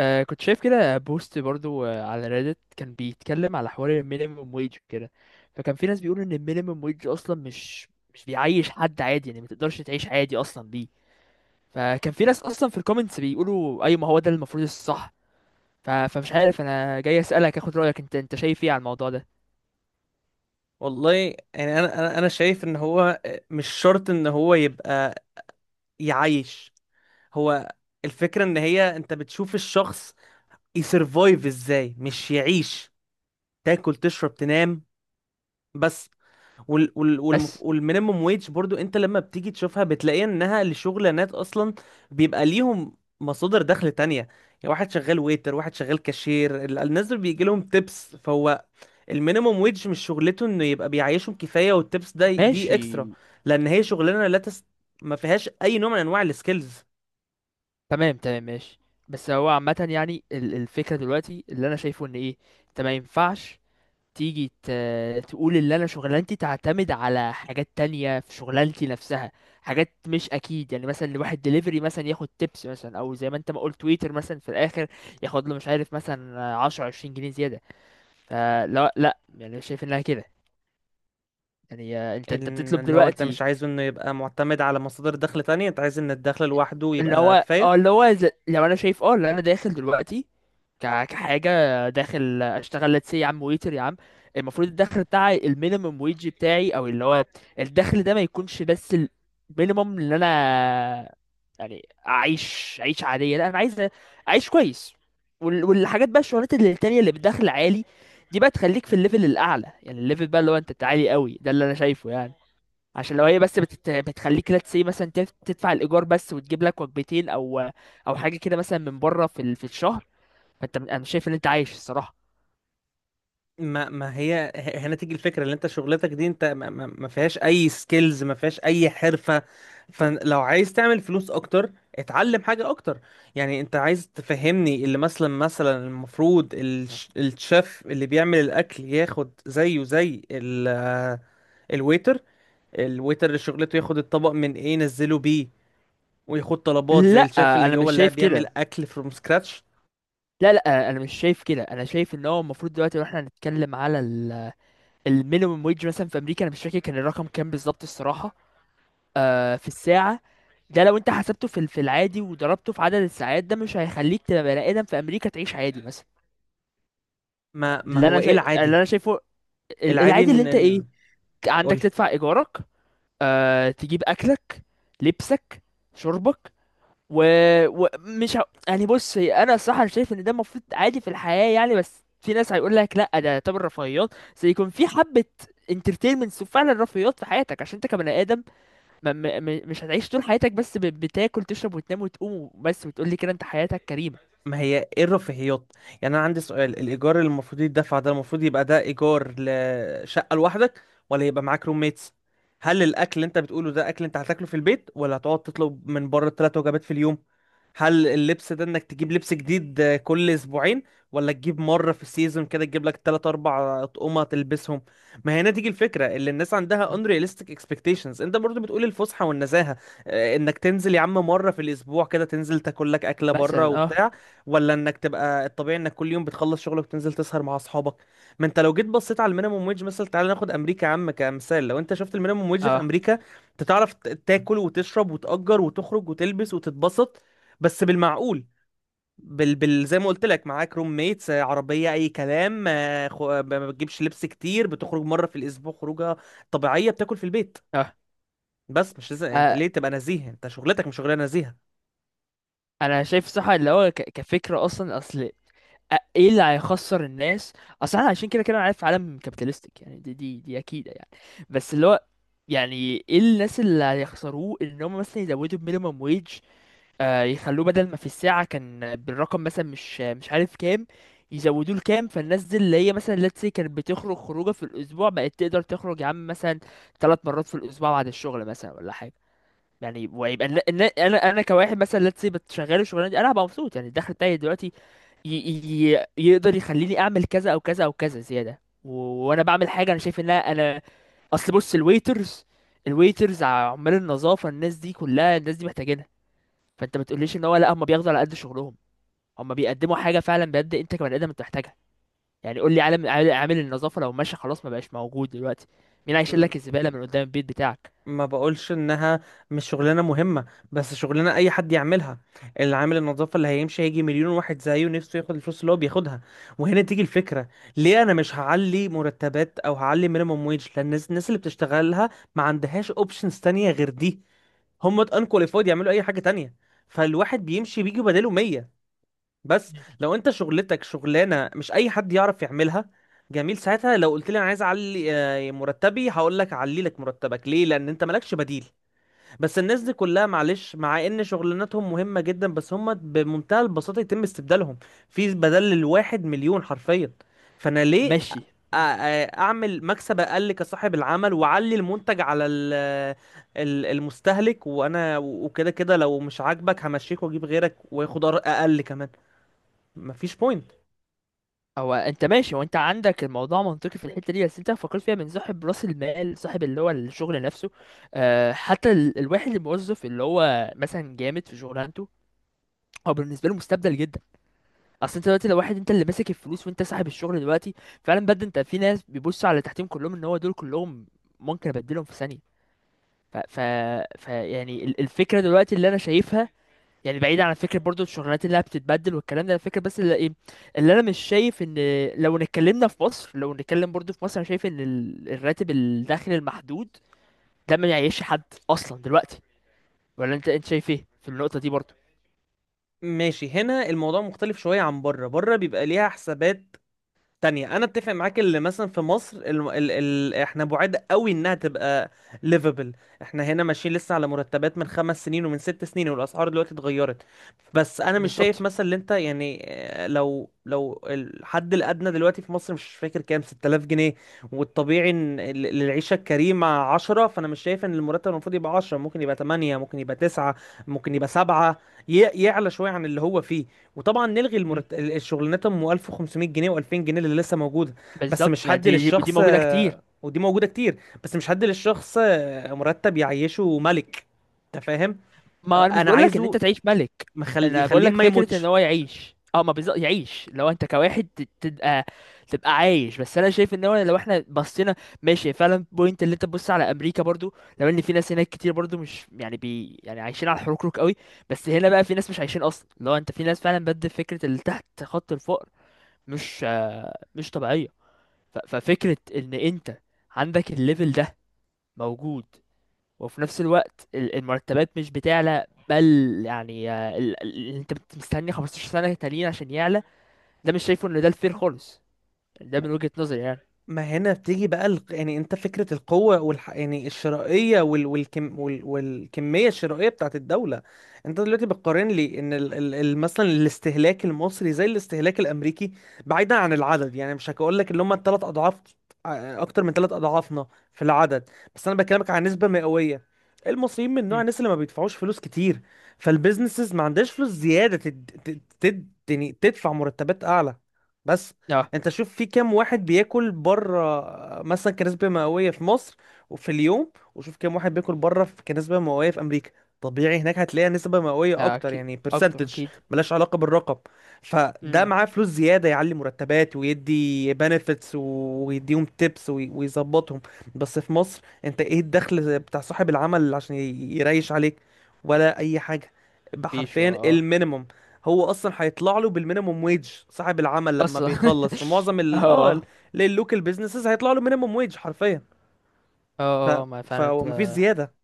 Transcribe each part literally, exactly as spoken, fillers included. آه، كنت شايف كده بوست برضو آه على ريدت كان بيتكلم على حوار المينيمم ويج كده. فكان في ناس بيقولوا ان المينيمم ويج اصلا مش مش بيعيش حد عادي، يعني ما تقدرش تعيش عادي اصلا بيه. فكان في ناس اصلا في الكومنتس بيقولوا اي ما هو ده المفروض الصح. ف... فمش عارف، انا جاي اسالك اخد رايك، انت انت شايف ايه على الموضوع ده؟ والله، يعني انا انا أنا شايف ان هو مش شرط ان هو يبقى يعيش. هو الفكرة ان هي، انت بتشوف الشخص يسرفايف ازاي، مش يعيش. تاكل، تشرب، تنام، بس. وال وال والمف... بس. والمينيموم ويج برضو انت لما بتيجي تشوفها بتلاقي انها لشغلانات اصلا بيبقى ليهم مصادر دخل تانية. يعني واحد شغال ويتر، واحد شغال كاشير، ال- الناس دول بيجي لهم تيبس، فهو المينيموم ويج مش شغلته انه يبقى بيعيشهم كفايه، والتبس ده دي اكسترا. ماشي. لان هي شغلانه لا تس... ما فيهاش اي نوع من انواع السكيلز. تمام، تمام، ماشي. بس هو عامه، يعني ال- الفكره دلوقتي اللي انا شايفه ان ايه، انت ما ينفعش تيجي ت... تقول اللي انا شغلانتي تعتمد على حاجات تانية في شغلانتي نفسها، حاجات مش اكيد، يعني مثلا لواحد دليفري مثلا ياخد تيبس مثلا، او زي ما انت ما قلت تويتر مثلا في الاخر ياخد له مش عارف مثلا عشرة عشرين جنيه زيادة. فلا، لا، يعني شايف انها كده. يعني آه، انت انت بتطلب اللي هو، انت دلوقتي، مش عايزه انه يبقى معتمد على مصادر دخل تانية، انت عايز ان الدخل لوحده اللي يبقى هو اه كفايه. اللي هو ز- لو انا شايف اه اللي انا داخل دلوقتي، ك... كحاجه داخل اشتغل لتس يا عم، ويتر يا عم. المفروض الدخل بتاعي المينيمم ويج بتاعي، او اللي هو الدخل ده ما يكونش بس المينيمم اللي انا، يعني اعيش عيش عاديه، لا، انا عايز اعيش كويس. وال... والحاجات بقى، الشغلات اللي التانية اللي بدخل عالي، دي بقى تخليك في الليفل الاعلى، يعني الليفل بقى اللي هو انت تعالي قوي، ده اللي انا شايفه يعني. عشان لو هي بس بتت... بتخليك لا تسي مثلا، تف- تدفع الايجار بس وتجيب لك وجبتين او او حاجه كده مثلا من بره في ال... في الشهر، فانت انا مش شايف ان انت عايش الصراحه. ما ما هي ه- هنا تيجي الفكره، اللي انت شغلتك دي انت ما, ما ما فيهاش اي سكيلز، ما فيهاش اي حرفه. فلو عايز تعمل فلوس اكتر اتعلم حاجه اكتر. يعني انت عايز تفهمني اللي، مثلا مثلا المفروض الش- الشيف اللي بيعمل الاكل ياخد زيه زي ال- آه، الويتر الويتر اللي شغلته ياخد الطبق من ايه ينزله بيه، وياخد طلبات لا، زي الشيف اللي انا جوه مش اللي شايف قاعد بيعمل كده. اكل فروم سكراتش؟ لا، لا، انا مش شايف كده. انا شايف ان هو المفروض دلوقتي، لو احنا هنتكلم على ال... المينيمم ويج مثلا في امريكا، انا مش فاكر كان الرقم كام بالظبط الصراحه. آه في الساعه، ده لو انت حسبته في ال- في العادي وضربته في عدد الساعات، ده مش هيخليك تبقى بني ادم في امريكا تعيش عادي مثلا. ما ما اللي هو انا ايه شايف اللي العادي؟ انا شايفه، ال- العادي العادي اللي انت ايه، ان... عندك قول. تدفع ايجارك، آه، تجيب اكلك، لبسك، شربك، ومش و... ومش ه... يعني بص، هي انا الصراحه، أنا شايف ان ده المفروض عادي في الحياه يعني، بس في ناس هيقول لك لا، ده يعتبر رفاهيات. سيكون في حبه انترتينمنتس، وفعلا رفاهيات في حياتك عشان انت كبني ادم ما... ما... ما- مش هتعيش طول حياتك بس ب... بتاكل تشرب وتنام وتقوم بس وتقول لي كده انت حياتك كريمه. ما هي ايه الرفاهيات؟ يعني انا عندي سؤال. الايجار اللي المفروض يدفع ده، المفروض يبقى ده ايجار لشقه لوحدك، ولا يبقى معاك روميتس؟ هل الاكل اللي انت بتقوله ده اكل انت هتاكله في البيت، ولا هتقعد تطلب من بره ثلاث وجبات في اليوم؟ هل اللبس ده انك تجيب لبس جديد آه، كل اسبوعين، ولا تجيب مرة في السيزون كده تجيب لك ثلاثة أربعة اطقمة تلبسهم؟ ما هنا تيجي الفكرة، اللي الناس عندها unrealistic expectations. انت برضو بتقول الفسحة والنزاهة آه، انك تنزل يا عم مرة في الاسبوع كده تنزل تاكل لك اكلة بره مثلا، اه. وبتاع، ولا انك تبقى الطبيعي انك كل يوم بتخلص شغلك وتنزل تسهر مع اصحابك؟ ما انت لو جيت بصيت على المينيموم ويج مثلا، تعالى ناخد امريكا يا عم كمثال، لو انت شفت المينيموم ويج في اه، امريكا انت تعرف ت- تاكل وتشرب وتأجر وتخرج وتلبس وتتبسط، بس بالمعقول. بال... بال... زي ما قلت لك معاك روم ميتس عربية أي كلام، آه، خ... آه، ما ما بتجيبش لبس كتير، بتخرج مرة في الأسبوع خروجة طبيعية، بتاكل في البيت. اه. بس مش لازم انت آه، ليه تبقى نزيه، انت شغلتك مش شغلانه نزيهه. انا شايف صح، اللي هو ك... كفكره اصلا. اصل، أ- ايه اللي هيخسر الناس؟ اصل احنا عايشين كده كده، انا عارف عالم كابيتالستيك، يعني دي دي دي اكيده يعني. بس اللي هو، يعني ايه الناس اللي هيخسروه ان هم مثلا يزودوا المينيمم ويج، آه يخلوه بدل ما في الساعه كان بالرقم مثلا مش مش عارف كام، يزودوه لكام، فالناس دي اللي هي مثلا let's say كانت بتخرج خروجه في الاسبوع بقت تقدر تخرج يا عم مثلا ثلاث مرات في الاسبوع بعد الشغل مثلا ولا حاجه. يعني ويبقى النا- النا- انا انا كواحد مثلا let's say بتشغله الشغلانه دي، انا هبقى مبسوط، يعني الدخل بتاعي دلوقتي ي... ي... يقدر يخليني اعمل كذا او كذا او كذا زياده، و... وانا بعمل حاجه انا شايف انها انا. اصل بص، الويترز الويترز عمال النظافه، الناس دي كلها، الناس دي محتاجينها. فانت ما تقوليش ان هو، لا، هم بياخدوا على قد شغلهم، هم بيقدموا حاجه فعلا بجد انت كبني ادم انت محتاجها. يعني قول لي عالم عال- عامل النظافه لو ماشي خلاص ما بقاش موجود دلوقتي، مين هيشيل م- لك الزباله من قدام البيت بتاعك؟ ما بقولش انها مش شغلانه مهمه، بس شغلانه اي حد يعملها. اللي عامل النظافه اللي هيمشي هيجي مليون واحد زيه نفسه ياخد الفلوس اللي هو بياخدها، وهنا تيجي الفكره. ليه انا مش هعلي مرتبات او هعلي مينيمم ويج؟ لان الناس الناس اللي بتشتغلها ما عندهاش اوبشنز تانية غير دي. هم انكواليفايد يعملوا اي حاجه تانية، فالواحد بيمشي بيجي بداله ميه. بس مم. لو انت شغلتك شغلانه مش اي حد يعرف يعملها، جميل، ساعتها لو قلت لي انا عايز اعلي آه، مرتبي هقول لك اعلي لك مرتبك، ليه؟ لان انت مالكش بديل. بس الناس دي كلها، معلش، مع ان شغلانتهم مهمه جدا، بس هم بمنتهى البساطه يتم استبدالهم. في بدل الواحد مليون، حرفيا. فانا ليه ماشي. أ- أ- اعمل مكسب اقل كصاحب العمل واعلي المنتج على ال- ال- المستهلك، وانا وكده كده لو مش عاجبك همشيك واجيب غيرك وياخد أر- اقل كمان. مفيش بوينت. هو انت ماشي، وانت عندك الموضوع منطقي في الحته دي، بس انت فكرت فيها من صاحب راس المال، صاحب اللي هو الشغل نفسه. أه حتى ال- الواحد الموظف اللي هو مثلا جامد في شغلانته، هو بالنسبه له مستبدل جدا. اصل انت دلوقتي لو واحد انت اللي ماسك الفلوس وانت صاحب الشغل دلوقتي، فعلا بجد انت في ناس بيبصوا على اللي تحتهم كلهم ان هو دول كلهم ممكن ابدلهم في ثانيه. ف, ف... ف يعني ال- الفكره دلوقتي اللي انا شايفها، يعني بعيد عن فكرة برضو الشغلانات اللي بتتبدل والكلام ده، الفكرة بس اللي ايه، اللي انا مش شايف ان، لو اتكلمنا في مصر، لو نتكلم برضو في مصر، انا شايف ان ال- الراتب الداخل المحدود ده ما يعيش حد اصلا دلوقتي، ولا انت انت شايف ايه في النقطة دي برضو؟ ماشي، هنا الموضوع مختلف شوية عن بره. بره بيبقى ليها حسابات تانية. انا اتفق معاك اللي مثلا في مصر ال... ال... ال... احنا بعاد قوي انها تبقى ليفبل. احنا هنا ماشيين لسه على مرتبات من خمس سنين ومن ست سنين، والاسعار دلوقتي اتغيرت. بس انا مش شايف بالظبط. مثلا اللي انت يعني آه، لو لو الحد الادنى دلوقتي في مصر، مش فاكر كام، ست تلاف جنيه، والطبيعي ان ال- للعيشة الكريمة عشرة. فانا مش شايف ان المرتب المفروض يبقى عشرة، ممكن يبقى تمنية، ممكن يبقى تسعة، ممكن يبقى سبعة، ي... يعلى شوية عن اللي هو فيه. وطبعا نلغي مم. المرت... ال- الشغلانات ام ألف وخمسمية جنيه و2000 جنيه اللي لسه موجوده. بس مش بالظبط، ما حد دي دي دي للشخص، موجودة كتير. آه، ودي موجوده كتير، بس مش حد للشخص آه، مرتب يعيشه ملك. انت فاهم؟ آه، ما انا مش انا بقول لك ان انت عايزه تعيش ملك، مخل... انا بقول يخليه لك ما فكره ان يموتش. هو يعيش، اه ما بالظبط يعيش، لو انت كواحد ت- تبقى تبقى عايش، بس انا شايف ان هو لو احنا بصينا ماشي، فعلا بوينت اللي انت تبص على امريكا برضو، لو ان في ناس هناك كتير برضو مش يعني بي يعني عايشين على الحركرك قوي، بس هنا بقى في ناس مش عايشين اصلا، لو انت في ناس فعلا بجد فكره اللي تحت خط الفقر مش آه، مش طبيعيه. ف- ففكره ان انت عندك الليفل ده موجود، وفي نفس الوقت ال- المرتبات مش بتعلى، بل يعني آه، ال- ال- اللي انت بت- مستني 15 سنة تانيين عشان يعلى، ده مش شايفه ان ده الفير خالص، ده من وجهة نظري يعني. ما هنا بتيجي بقى الق... يعني انت فكرة القوة والح... يعني الشرائية وال... والكم... وال... والكمية الشرائية بتاعت الدولة. انت دلوقتي بتقارن لي ان ال... ال... ال- مثلا الاستهلاك المصري زي الاستهلاك الامريكي. بعيدا عن العدد، يعني مش هقول لك اللي هم الثلاث اضعاف، ع- اكتر من ثلاث اضعافنا في العدد، بس انا بكلمك عن نسبة مئوية. المصريين من نوع امم. الناس اللي ما بيدفعوش فلوس كتير، فالبيزنسز ما عندهاش فلوس زيادة تد... تد... تد... يعني تدفع مرتبات اعلى. بس اه، انت شوف في كام واحد بياكل بره مثلا كنسبة مئوية في مصر وفي اليوم، وشوف كام واحد بياكل بره في كنسبة مئوية في امريكا. طبيعي هناك هتلاقي نسبة مئوية اكتر، اكيد. يعني اكتر، برسنتج، اكيد. ملهاش علاقة بالرقم. فده امم. معاه فلوس زيادة يعلي مرتبات ويدي بنفيتس ويديهم تيبس ويظبطهم. بس في مصر انت ايه الدخل بتاع صاحب العمل عشان ي- يريش عليك، ولا اي حاجة؟ مفيش، حرفيا اه. المينيمم. هو اصلا هيطلع له بالمينيموم ويج صاحب العمل لما اصلا. بيخلص في معظم ال اه اه. اللوكال بيزنسز هيطلع له مينيموم ويج حرفيا. ف اه، اه. ما فعلا انت. فمفيش زياده.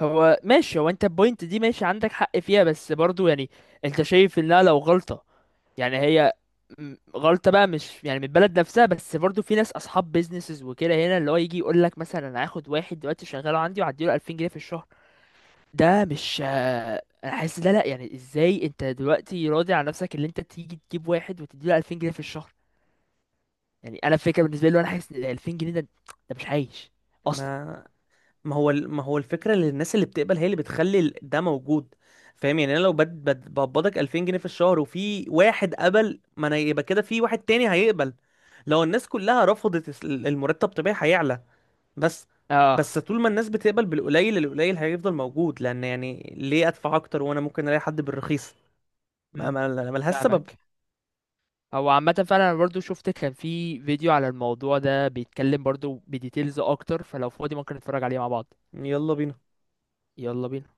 هو ماشي، هو انت البوينت دي ماشي عندك حق فيها، بس برضو يعني انت شايف انها لو غلطة، يعني هي م- غلطة بقى، مش يعني من البلد نفسها، بس برضو في ناس اصحاب بيزنسز وكده هنا اللي هو يجي يقول لك مثلا انا هاخد واحد دلوقتي شغاله عندي وهديله الفين جنيه في الشهر، ده مش آه، انا حاسس ده لا، يعني ازاي انت دلوقتي راضي على نفسك اللي انت تيجي تجيب واحد وتديله الفين جنيه في الشهر؟ يعني انا فكرة بالنسبة لي، انا حاسس ان الفين جنيه ده ده مش عايش اصلا. ما ما هو ال- ما هو الفكره اللي الناس اللي بتقبل هي اللي بتخلي ال- ده موجود. فاهم؟ يعني انا لو بد بد- بقبضك ألفين جنيه في الشهر، وفي واحد قبل، ما انا يبقى كده في واحد تاني هيقبل. لو الناس كلها رفضت الس- المرتب، طبيعي هيعلى. بس اه. بس طول ما الناس بتقبل بالقليل، القليل هيفضل موجود. لان يعني ليه ادفع اكتر وانا ممكن الاقي حد بالرخيص؟ ما مم. ما- ملهاش سبب. فاهمك. هو عامة، فعلا انا برضو شفت كان في فيديو على الموضوع ده بيتكلم برضو بديتيلز اكتر، فلو فاضي ممكن نتفرج عليه مع بعض. يلا بينا. يلا بينا.